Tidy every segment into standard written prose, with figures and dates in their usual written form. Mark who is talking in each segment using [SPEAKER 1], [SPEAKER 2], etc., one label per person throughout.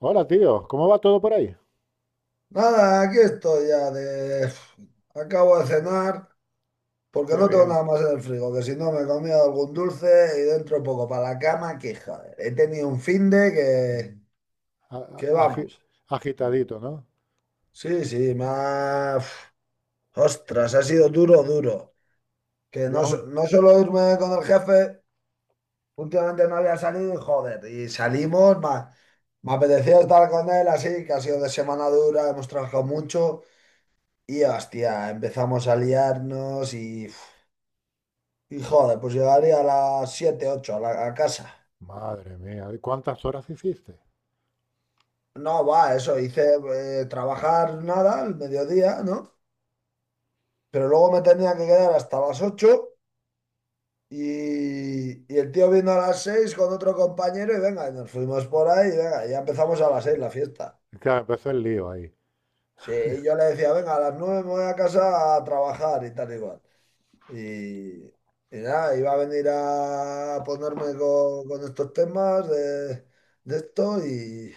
[SPEAKER 1] Hola, tío. ¿Cómo va todo por ahí?
[SPEAKER 2] Nada, aquí estoy ya de... Acabo de cenar porque
[SPEAKER 1] Qué
[SPEAKER 2] no tengo
[SPEAKER 1] bien.
[SPEAKER 2] nada más en el frigo, que si no me he comido algún dulce y dentro poco para la cama, que joder, he tenido un finde
[SPEAKER 1] A- a-
[SPEAKER 2] que
[SPEAKER 1] agi-
[SPEAKER 2] vamos.
[SPEAKER 1] agitadito, ¿no?
[SPEAKER 2] Sí, sí, más... Ostras, ha sido duro, duro. Que
[SPEAKER 1] Yo
[SPEAKER 2] no,
[SPEAKER 1] aún.
[SPEAKER 2] no solo irme con el jefe, últimamente no había salido y joder, y salimos, más... me apetecía estar con él así, que ha sido de semana dura, hemos trabajado mucho. Y hostia, empezamos a liarnos y, uf, y joder, pues llegaría a las 7 8 a la a casa.
[SPEAKER 1] Madre mía, ¿y cuántas horas hiciste?
[SPEAKER 2] No, va, eso, hice trabajar nada al mediodía, ¿no? Pero luego me tenía que quedar hasta las 8 y el tío vino a las 6 con otro compañero y venga, y nos fuimos por ahí y venga, ya empezamos a las 6 la fiesta.
[SPEAKER 1] Claro, empezó el lío ahí.
[SPEAKER 2] Sí, y yo le decía, venga, a las 9 me voy a casa a trabajar y tal igual. Y nada, iba a venir a ponerme con estos temas de esto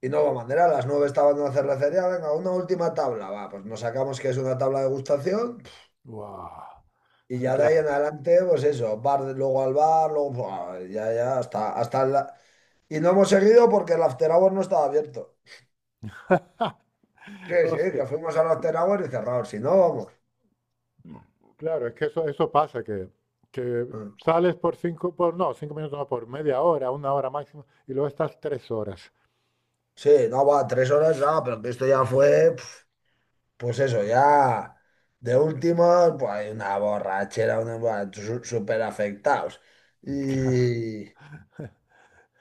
[SPEAKER 2] y no hubo manera. A las nueve estaba en la cervecería, venga, una última tabla, va, pues nos sacamos que es una tabla de gustación
[SPEAKER 1] ¡Guau!
[SPEAKER 2] y ya de ahí
[SPEAKER 1] Claro.
[SPEAKER 2] en adelante, pues eso, bar, luego al bar, luego buah, ya, ya, hasta la... Y no hemos seguido porque el after hour no estaba abierto. Sí, sí,
[SPEAKER 1] Hostia.
[SPEAKER 2] que fuimos al after hour y cerrados, si no, vamos.
[SPEAKER 1] Claro, es que eso pasa, que
[SPEAKER 2] Mm.
[SPEAKER 1] sales por cinco, por, no, 5 minutos, no, por media hora, 1 hora máximo, y luego estás 3 horas.
[SPEAKER 2] Sí, no, va, tres horas, ah, pero que esto ya fue... pues eso, ya de último, pues hay una borrachera, una, buah, súper afectados. Y,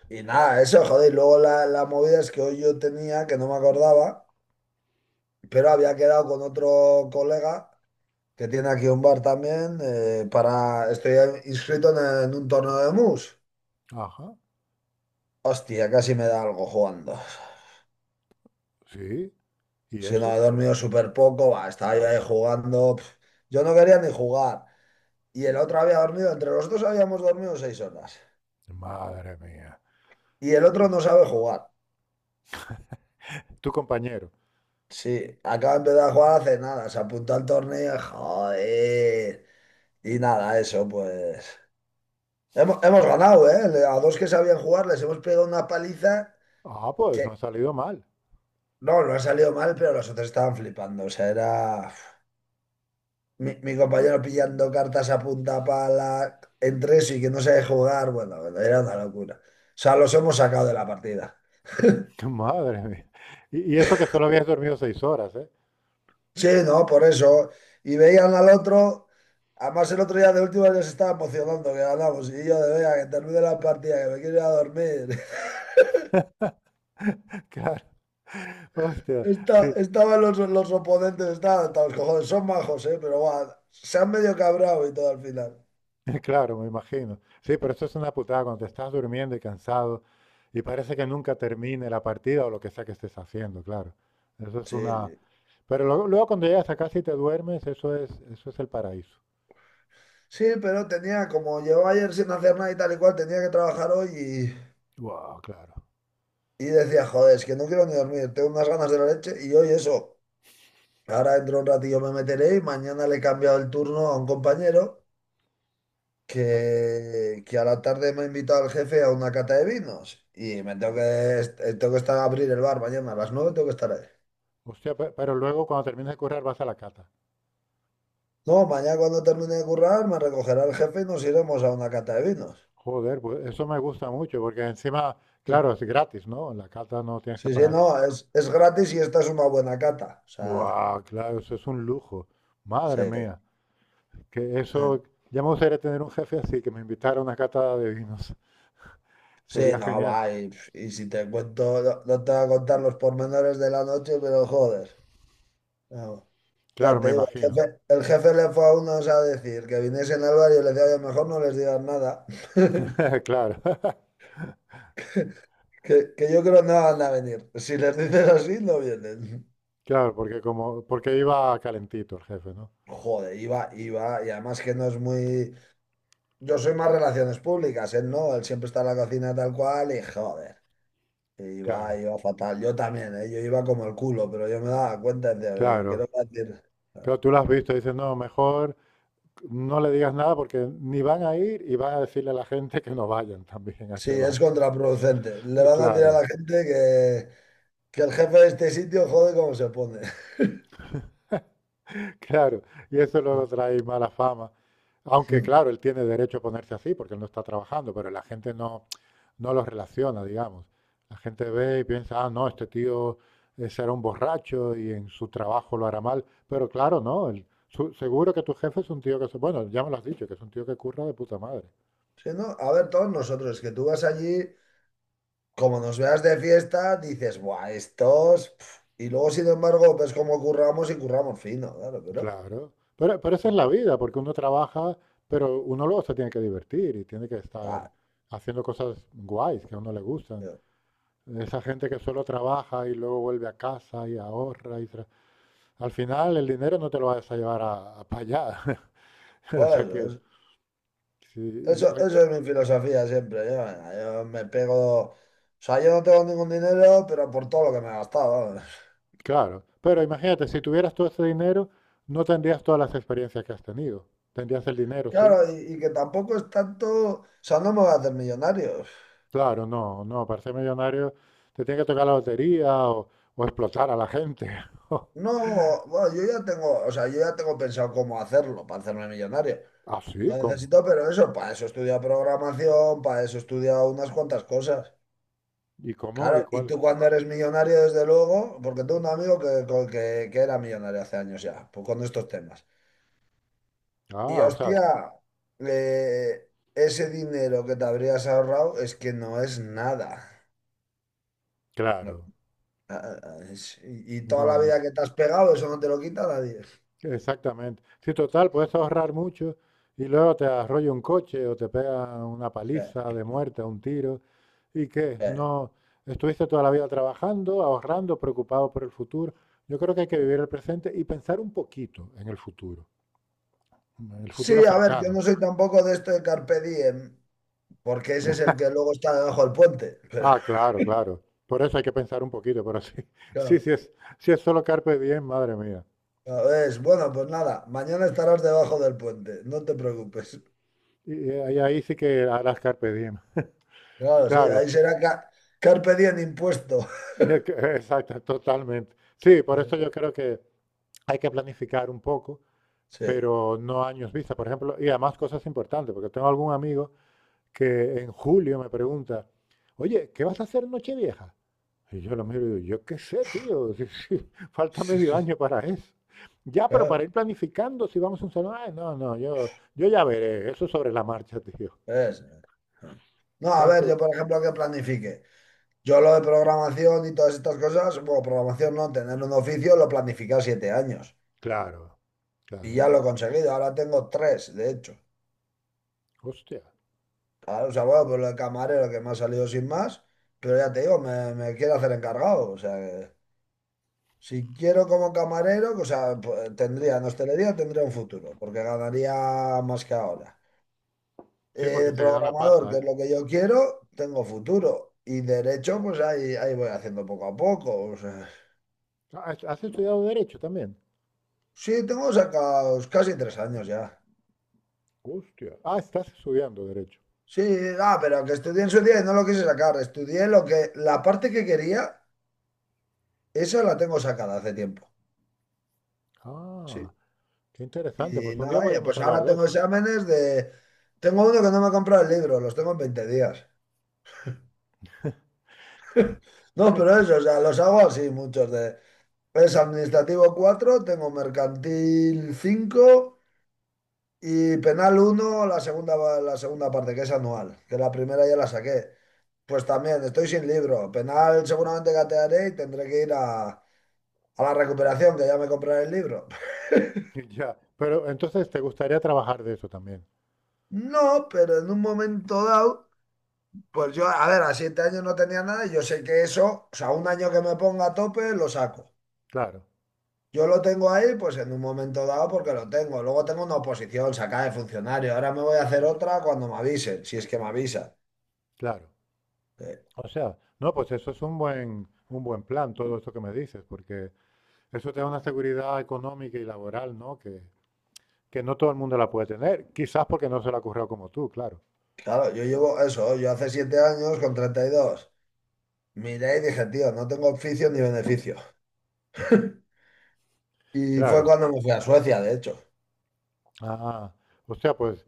[SPEAKER 2] y nada, eso, joder, y luego la movida es que hoy yo tenía, que no me acordaba, pero había quedado con otro colega que tiene aquí un bar también, para, estoy inscrito en un torneo de mus.
[SPEAKER 1] Ajá,
[SPEAKER 2] Hostia, casi me da algo jugando.
[SPEAKER 1] sí. ¿Y
[SPEAKER 2] Si no, he
[SPEAKER 1] eso?
[SPEAKER 2] dormido súper poco, va, estaba yo ahí jugando. Pf. Yo no quería ni jugar. Y el otro había dormido, entre los dos habíamos dormido 6 horas.
[SPEAKER 1] Madre mía.
[SPEAKER 2] Y el otro
[SPEAKER 1] Uf,
[SPEAKER 2] no sabe jugar.
[SPEAKER 1] tu compañero.
[SPEAKER 2] Sí, acaba de empezar a jugar hace nada, se apuntó al torneo, joder. Y nada, eso pues. Hemos, hemos ganado, ¿eh? A dos que sabían jugar les hemos pegado una paliza
[SPEAKER 1] Ah, pues no ha
[SPEAKER 2] que
[SPEAKER 1] salido mal.
[SPEAKER 2] no, no ha salido mal, pero los otros estaban flipando. O sea, era uf, mi compañero pillando cartas a punta pala entre eso y que no sabe jugar. Bueno, bueno, era una locura. O sea, los hemos sacado de la partida.
[SPEAKER 1] Madre mía. Y eso que solo habías dormido 6 horas, ¿eh?
[SPEAKER 2] Sí, no, por eso. Y veían al otro, además el otro día de último ya se estaba emocionando que ganamos. Y yo de vea, que termine la partida, que me quiero ir a dormir.
[SPEAKER 1] Claro, hostia, sí,
[SPEAKER 2] Estaban los oponentes, estaban hasta los cojones, son majos, ¿eh? Pero guau, se han medio cabrado y todo al final.
[SPEAKER 1] claro, me imagino. Sí, pero eso es una putada cuando te estás durmiendo y cansado y parece que nunca termine la partida o lo que sea que estés haciendo, claro. Eso es
[SPEAKER 2] Sí,
[SPEAKER 1] una...
[SPEAKER 2] sí.
[SPEAKER 1] Pero luego, luego cuando llegas a casa y te duermes, eso es el paraíso.
[SPEAKER 2] Sí, pero tenía, como llevaba ayer sin hacer nada y tal y cual, tenía que trabajar hoy
[SPEAKER 1] Wow, claro.
[SPEAKER 2] y decía, joder, es que no quiero ni dormir, tengo unas ganas de la leche y hoy eso. Ahora dentro de un ratillo me meteré y mañana le he cambiado el turno a un compañero. Que a la tarde me ha invitado el jefe a una cata de vinos y me tengo que, tengo que estar a abrir el bar mañana a las nueve tengo que estar ahí.
[SPEAKER 1] Hostia, pero luego cuando terminas de currar vas a la cata.
[SPEAKER 2] No, mañana cuando termine de currar me recogerá el jefe y nos iremos a una cata de vinos.
[SPEAKER 1] Joder, pues eso me gusta mucho porque encima, claro, es gratis, ¿no? En la cata no tienes que
[SPEAKER 2] Sí, sí,
[SPEAKER 1] pagar.
[SPEAKER 2] no, es gratis y esta es una buena cata. O sea,
[SPEAKER 1] Wow, claro, eso es un lujo.
[SPEAKER 2] sí.
[SPEAKER 1] Madre mía, que eso, ya me gustaría tener un jefe así, que me invitara a una cata de vinos.
[SPEAKER 2] Sí,
[SPEAKER 1] Sería
[SPEAKER 2] no,
[SPEAKER 1] genial.
[SPEAKER 2] va, y si te cuento, no, no te voy a contar los pormenores de la noche, pero joder. No. Ya
[SPEAKER 1] Claro, me
[SPEAKER 2] te digo,
[SPEAKER 1] imagino.
[SPEAKER 2] el jefe le fue a unos a decir que viniesen al barrio y le decía, "Oye, mejor no les digas nada."
[SPEAKER 1] Claro,
[SPEAKER 2] Que yo creo no van a venir. Si les dices así, no vienen.
[SPEAKER 1] claro, porque como, porque iba calentito el jefe, ¿no?
[SPEAKER 2] Joder, iba, iba, y además que no es muy. Yo soy más relaciones públicas, él no, él siempre está en la cocina tal cual, y joder, iba,
[SPEAKER 1] Claro,
[SPEAKER 2] iba fatal. Yo también, ¿eh? Yo iba como el culo, pero yo me daba cuenta, decía, "¿Qué le
[SPEAKER 1] claro.
[SPEAKER 2] voy a decir?"
[SPEAKER 1] Pero tú lo has visto, dices, no, mejor no le digas nada porque ni van a ir y van a decirle a la gente que no vayan también a
[SPEAKER 2] Sí,
[SPEAKER 1] ese bar.
[SPEAKER 2] es contraproducente. Le van a decir a
[SPEAKER 1] Claro,
[SPEAKER 2] la gente que el jefe de este sitio jode como se pone.
[SPEAKER 1] claro. Y eso luego
[SPEAKER 2] Ujú.
[SPEAKER 1] trae mala fama. Aunque claro, él tiene derecho a ponerse así porque él no está trabajando, pero la gente no, no los relaciona, digamos. La gente ve y piensa, ah, no, este tío será un borracho y en su trabajo lo hará mal. Pero claro, no, seguro que tu jefe es un tío que, bueno, ya me lo has dicho, que es un tío que curra de puta madre.
[SPEAKER 2] Sí, no, a ver, todos nosotros, que tú vas allí, como nos veas de fiesta, dices, buah, estos. Pf. Y luego, sin embargo, ves cómo curramos y curramos fino, claro, pero.
[SPEAKER 1] Claro, pero esa es la vida, porque uno trabaja, pero uno luego se tiene que divertir y tiene que estar
[SPEAKER 2] Ah,
[SPEAKER 1] haciendo cosas guays que a uno le gustan.
[SPEAKER 2] tío,
[SPEAKER 1] Esa gente que solo trabaja y luego vuelve a casa y ahorra y al final el dinero no te lo vas a llevar a, para allá. O
[SPEAKER 2] por
[SPEAKER 1] sea
[SPEAKER 2] eso,
[SPEAKER 1] que sí,
[SPEAKER 2] eso, eso es mi filosofía siempre. Yo, venga, yo me pego. O sea, yo no tengo ningún dinero, pero por todo lo que me he gastado. Vamos.
[SPEAKER 1] claro. Pero imagínate, si tuvieras todo ese dinero, no tendrías todas las experiencias que has tenido. Tendrías el dinero, sí.
[SPEAKER 2] Claro, y que tampoco es tanto. O sea, no me voy a hacer millonario.
[SPEAKER 1] Claro, no, no. Para ser millonario te tiene que tocar la lotería o explotar a la gente.
[SPEAKER 2] No, bueno, yo ya tengo, o sea, yo ya tengo pensado cómo hacerlo para hacerme millonario.
[SPEAKER 1] Ah, sí,
[SPEAKER 2] Lo
[SPEAKER 1] ¿cómo?
[SPEAKER 2] necesito, pero eso, para eso he estudiado programación, para eso he estudiado unas cuantas cosas.
[SPEAKER 1] ¿Y cómo? ¿Y
[SPEAKER 2] Claro, y
[SPEAKER 1] cuál?
[SPEAKER 2] tú cuando eres millonario, desde luego, porque tengo un amigo que era millonario hace años ya, pues con estos temas. Y
[SPEAKER 1] Ah, o sea,
[SPEAKER 2] hostia, eh, ese dinero que te habrías ahorrado es que no es nada. No,
[SPEAKER 1] claro.
[SPEAKER 2] ah, ah, y toda la
[SPEAKER 1] No, no.
[SPEAKER 2] vida que te has pegado, eso no te lo quita nadie. O
[SPEAKER 1] Exactamente. Sí, total, puedes ahorrar mucho y luego te arrolla un coche o te pega una
[SPEAKER 2] sea,
[SPEAKER 1] paliza de muerte, un tiro. ¿Y qué?
[SPEAKER 2] eh,
[SPEAKER 1] No, estuviste toda la vida trabajando, ahorrando, preocupado por el futuro. Yo creo que hay que vivir el presente y pensar un poquito en el
[SPEAKER 2] sí,
[SPEAKER 1] futuro
[SPEAKER 2] a ver, yo
[SPEAKER 1] cercano.
[SPEAKER 2] no soy tampoco de esto de Carpe Diem, porque ese es el que luego está debajo del puente, pero
[SPEAKER 1] Ah, claro, claro. Por eso hay que pensar un poquito, pero sí, sí,
[SPEAKER 2] claro.
[SPEAKER 1] sí es solo carpe diem, madre mía.
[SPEAKER 2] Ya ves, bueno, pues nada, mañana estarás debajo del puente, no te preocupes.
[SPEAKER 1] Y ahí, sí que harás carpe diem.
[SPEAKER 2] Claro, sí,
[SPEAKER 1] Claro,
[SPEAKER 2] ahí será carpe diem impuesto.
[SPEAKER 1] Exacto, totalmente. Sí, por eso yo creo que hay que planificar un poco,
[SPEAKER 2] Sí,
[SPEAKER 1] pero no años vista, por ejemplo, y además cosas importantes, porque tengo algún amigo que en julio me pregunta, oye, ¿qué vas a hacer en Nochevieja? Y yo lo miro y digo, yo qué sé, tío, si falta
[SPEAKER 2] sí,
[SPEAKER 1] medio año
[SPEAKER 2] sí,
[SPEAKER 1] para eso. Ya, pero para
[SPEAKER 2] claro,
[SPEAKER 1] ir planificando, si vamos a un salón, ay, no, no, yo ya veré, eso es sobre la marcha, tío.
[SPEAKER 2] es. Eh. No, a ver, yo
[SPEAKER 1] Tanto,
[SPEAKER 2] por ejemplo que planifique. Yo lo de programación y todas estas cosas, bueno, programación no, tener un oficio lo planifiqué a 7 años
[SPEAKER 1] claro,
[SPEAKER 2] y
[SPEAKER 1] claro.
[SPEAKER 2] ya lo he conseguido, ahora tengo tres, de hecho.
[SPEAKER 1] Hostia.
[SPEAKER 2] Claro, o sea, bueno, pues lo de camarero que me ha salido sin más, pero ya te digo, me quiero hacer encargado, o sea. Si quiero como camarero, o sea, pu- tendría, en hostelería tendría un futuro, porque ganaría más que ahora.
[SPEAKER 1] Sí, porque se gana
[SPEAKER 2] Programador,
[SPEAKER 1] pasta,
[SPEAKER 2] que
[SPEAKER 1] ¿eh?
[SPEAKER 2] es lo que yo quiero, tengo futuro. Y derecho, pues ahí, ahí voy haciendo poco a poco. O sea.
[SPEAKER 1] Ah, ¿Has estudiado derecho también?
[SPEAKER 2] Sí, tengo sacados casi tres años ya.
[SPEAKER 1] Hostia. Ah, estás estudiando Derecho.
[SPEAKER 2] Sí, ah, pero que estudié en su día y no lo quise sacar. Estudié lo que, la parte que quería, esa la tengo sacada hace tiempo. Sí.
[SPEAKER 1] Ah, qué interesante.
[SPEAKER 2] Y
[SPEAKER 1] Pues un día
[SPEAKER 2] nada, y
[SPEAKER 1] podríamos
[SPEAKER 2] pues
[SPEAKER 1] hablar
[SPEAKER 2] ahora
[SPEAKER 1] de
[SPEAKER 2] tengo
[SPEAKER 1] eso.
[SPEAKER 2] exámenes de... Tengo uno que no me ha comprado el libro, los tengo en 20 días. No,
[SPEAKER 1] Es
[SPEAKER 2] pero
[SPEAKER 1] que...
[SPEAKER 2] eso, o sea, los hago así muchos de... Es administrativo 4, tengo mercantil 5 y penal uno. La segunda, la segunda parte, que es anual, que la primera ya la saqué. Pues también, estoy sin libro. Penal seguramente gatearé y tendré que ir a la recuperación, que ya me compraré el libro.
[SPEAKER 1] Ya. Pero entonces te gustaría trabajar de eso también.
[SPEAKER 2] No, pero en un momento dado, pues yo, a ver, a 7 años no tenía nada y yo sé que eso, o sea, un año que me ponga a tope, lo saco.
[SPEAKER 1] Claro,
[SPEAKER 2] Yo lo tengo ahí, pues en un momento dado, porque lo tengo. Luego tengo una oposición sacada de funcionario. Ahora me voy a hacer otra cuando me avisen, si es que me avisa.
[SPEAKER 1] claro.
[SPEAKER 2] Eh,
[SPEAKER 1] O sea, no, pues eso es un buen plan, todo esto que me dices, porque eso te da una seguridad económica y laboral, ¿no? Que no todo el mundo la puede tener. Quizás porque no se la ha currado como tú, claro.
[SPEAKER 2] claro, yo llevo eso, yo hace 7 años con 32 miré y dije, tío, no tengo oficio ni beneficio. Y fue
[SPEAKER 1] Claro.
[SPEAKER 2] cuando me fui a Suecia, de hecho.
[SPEAKER 1] Ah, o sea, pues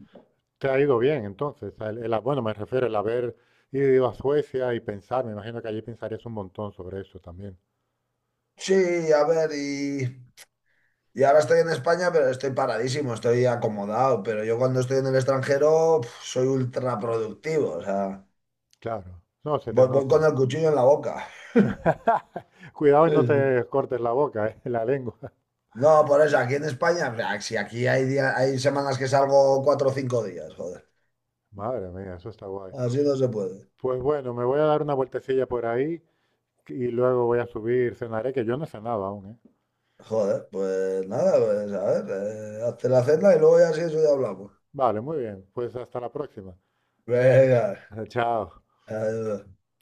[SPEAKER 1] te ha ido bien, entonces. El bueno, me refiero al haber ido a Suecia y pensar, me imagino que allí pensarías un montón sobre eso también.
[SPEAKER 2] Sí, a ver, y ahora estoy en España, pero estoy paradísimo, estoy acomodado. Pero yo cuando estoy en el extranjero, pf, soy ultra productivo. O sea,
[SPEAKER 1] Claro. No, se te
[SPEAKER 2] voy, voy con
[SPEAKER 1] nota.
[SPEAKER 2] el cuchillo en la boca.
[SPEAKER 1] Cuidado y
[SPEAKER 2] Sí,
[SPEAKER 1] no
[SPEAKER 2] sí.
[SPEAKER 1] te cortes la boca, la lengua.
[SPEAKER 2] No, por eso, aquí en España, o sea, si aquí hay hay semanas que salgo 4 o 5 días, joder.
[SPEAKER 1] Madre mía, eso está guay.
[SPEAKER 2] Así no se puede.
[SPEAKER 1] Pues bueno, me voy a dar una vueltecilla por ahí y luego voy a subir, cenaré, que yo no he cenado aún, ¿eh?
[SPEAKER 2] Joder, pues nada, pues a ver, hazte la cena y luego ya si eso ya hablamos.
[SPEAKER 1] Vale, muy bien. Pues hasta la próxima.
[SPEAKER 2] Venga,
[SPEAKER 1] Chao.
[SPEAKER 2] adiós.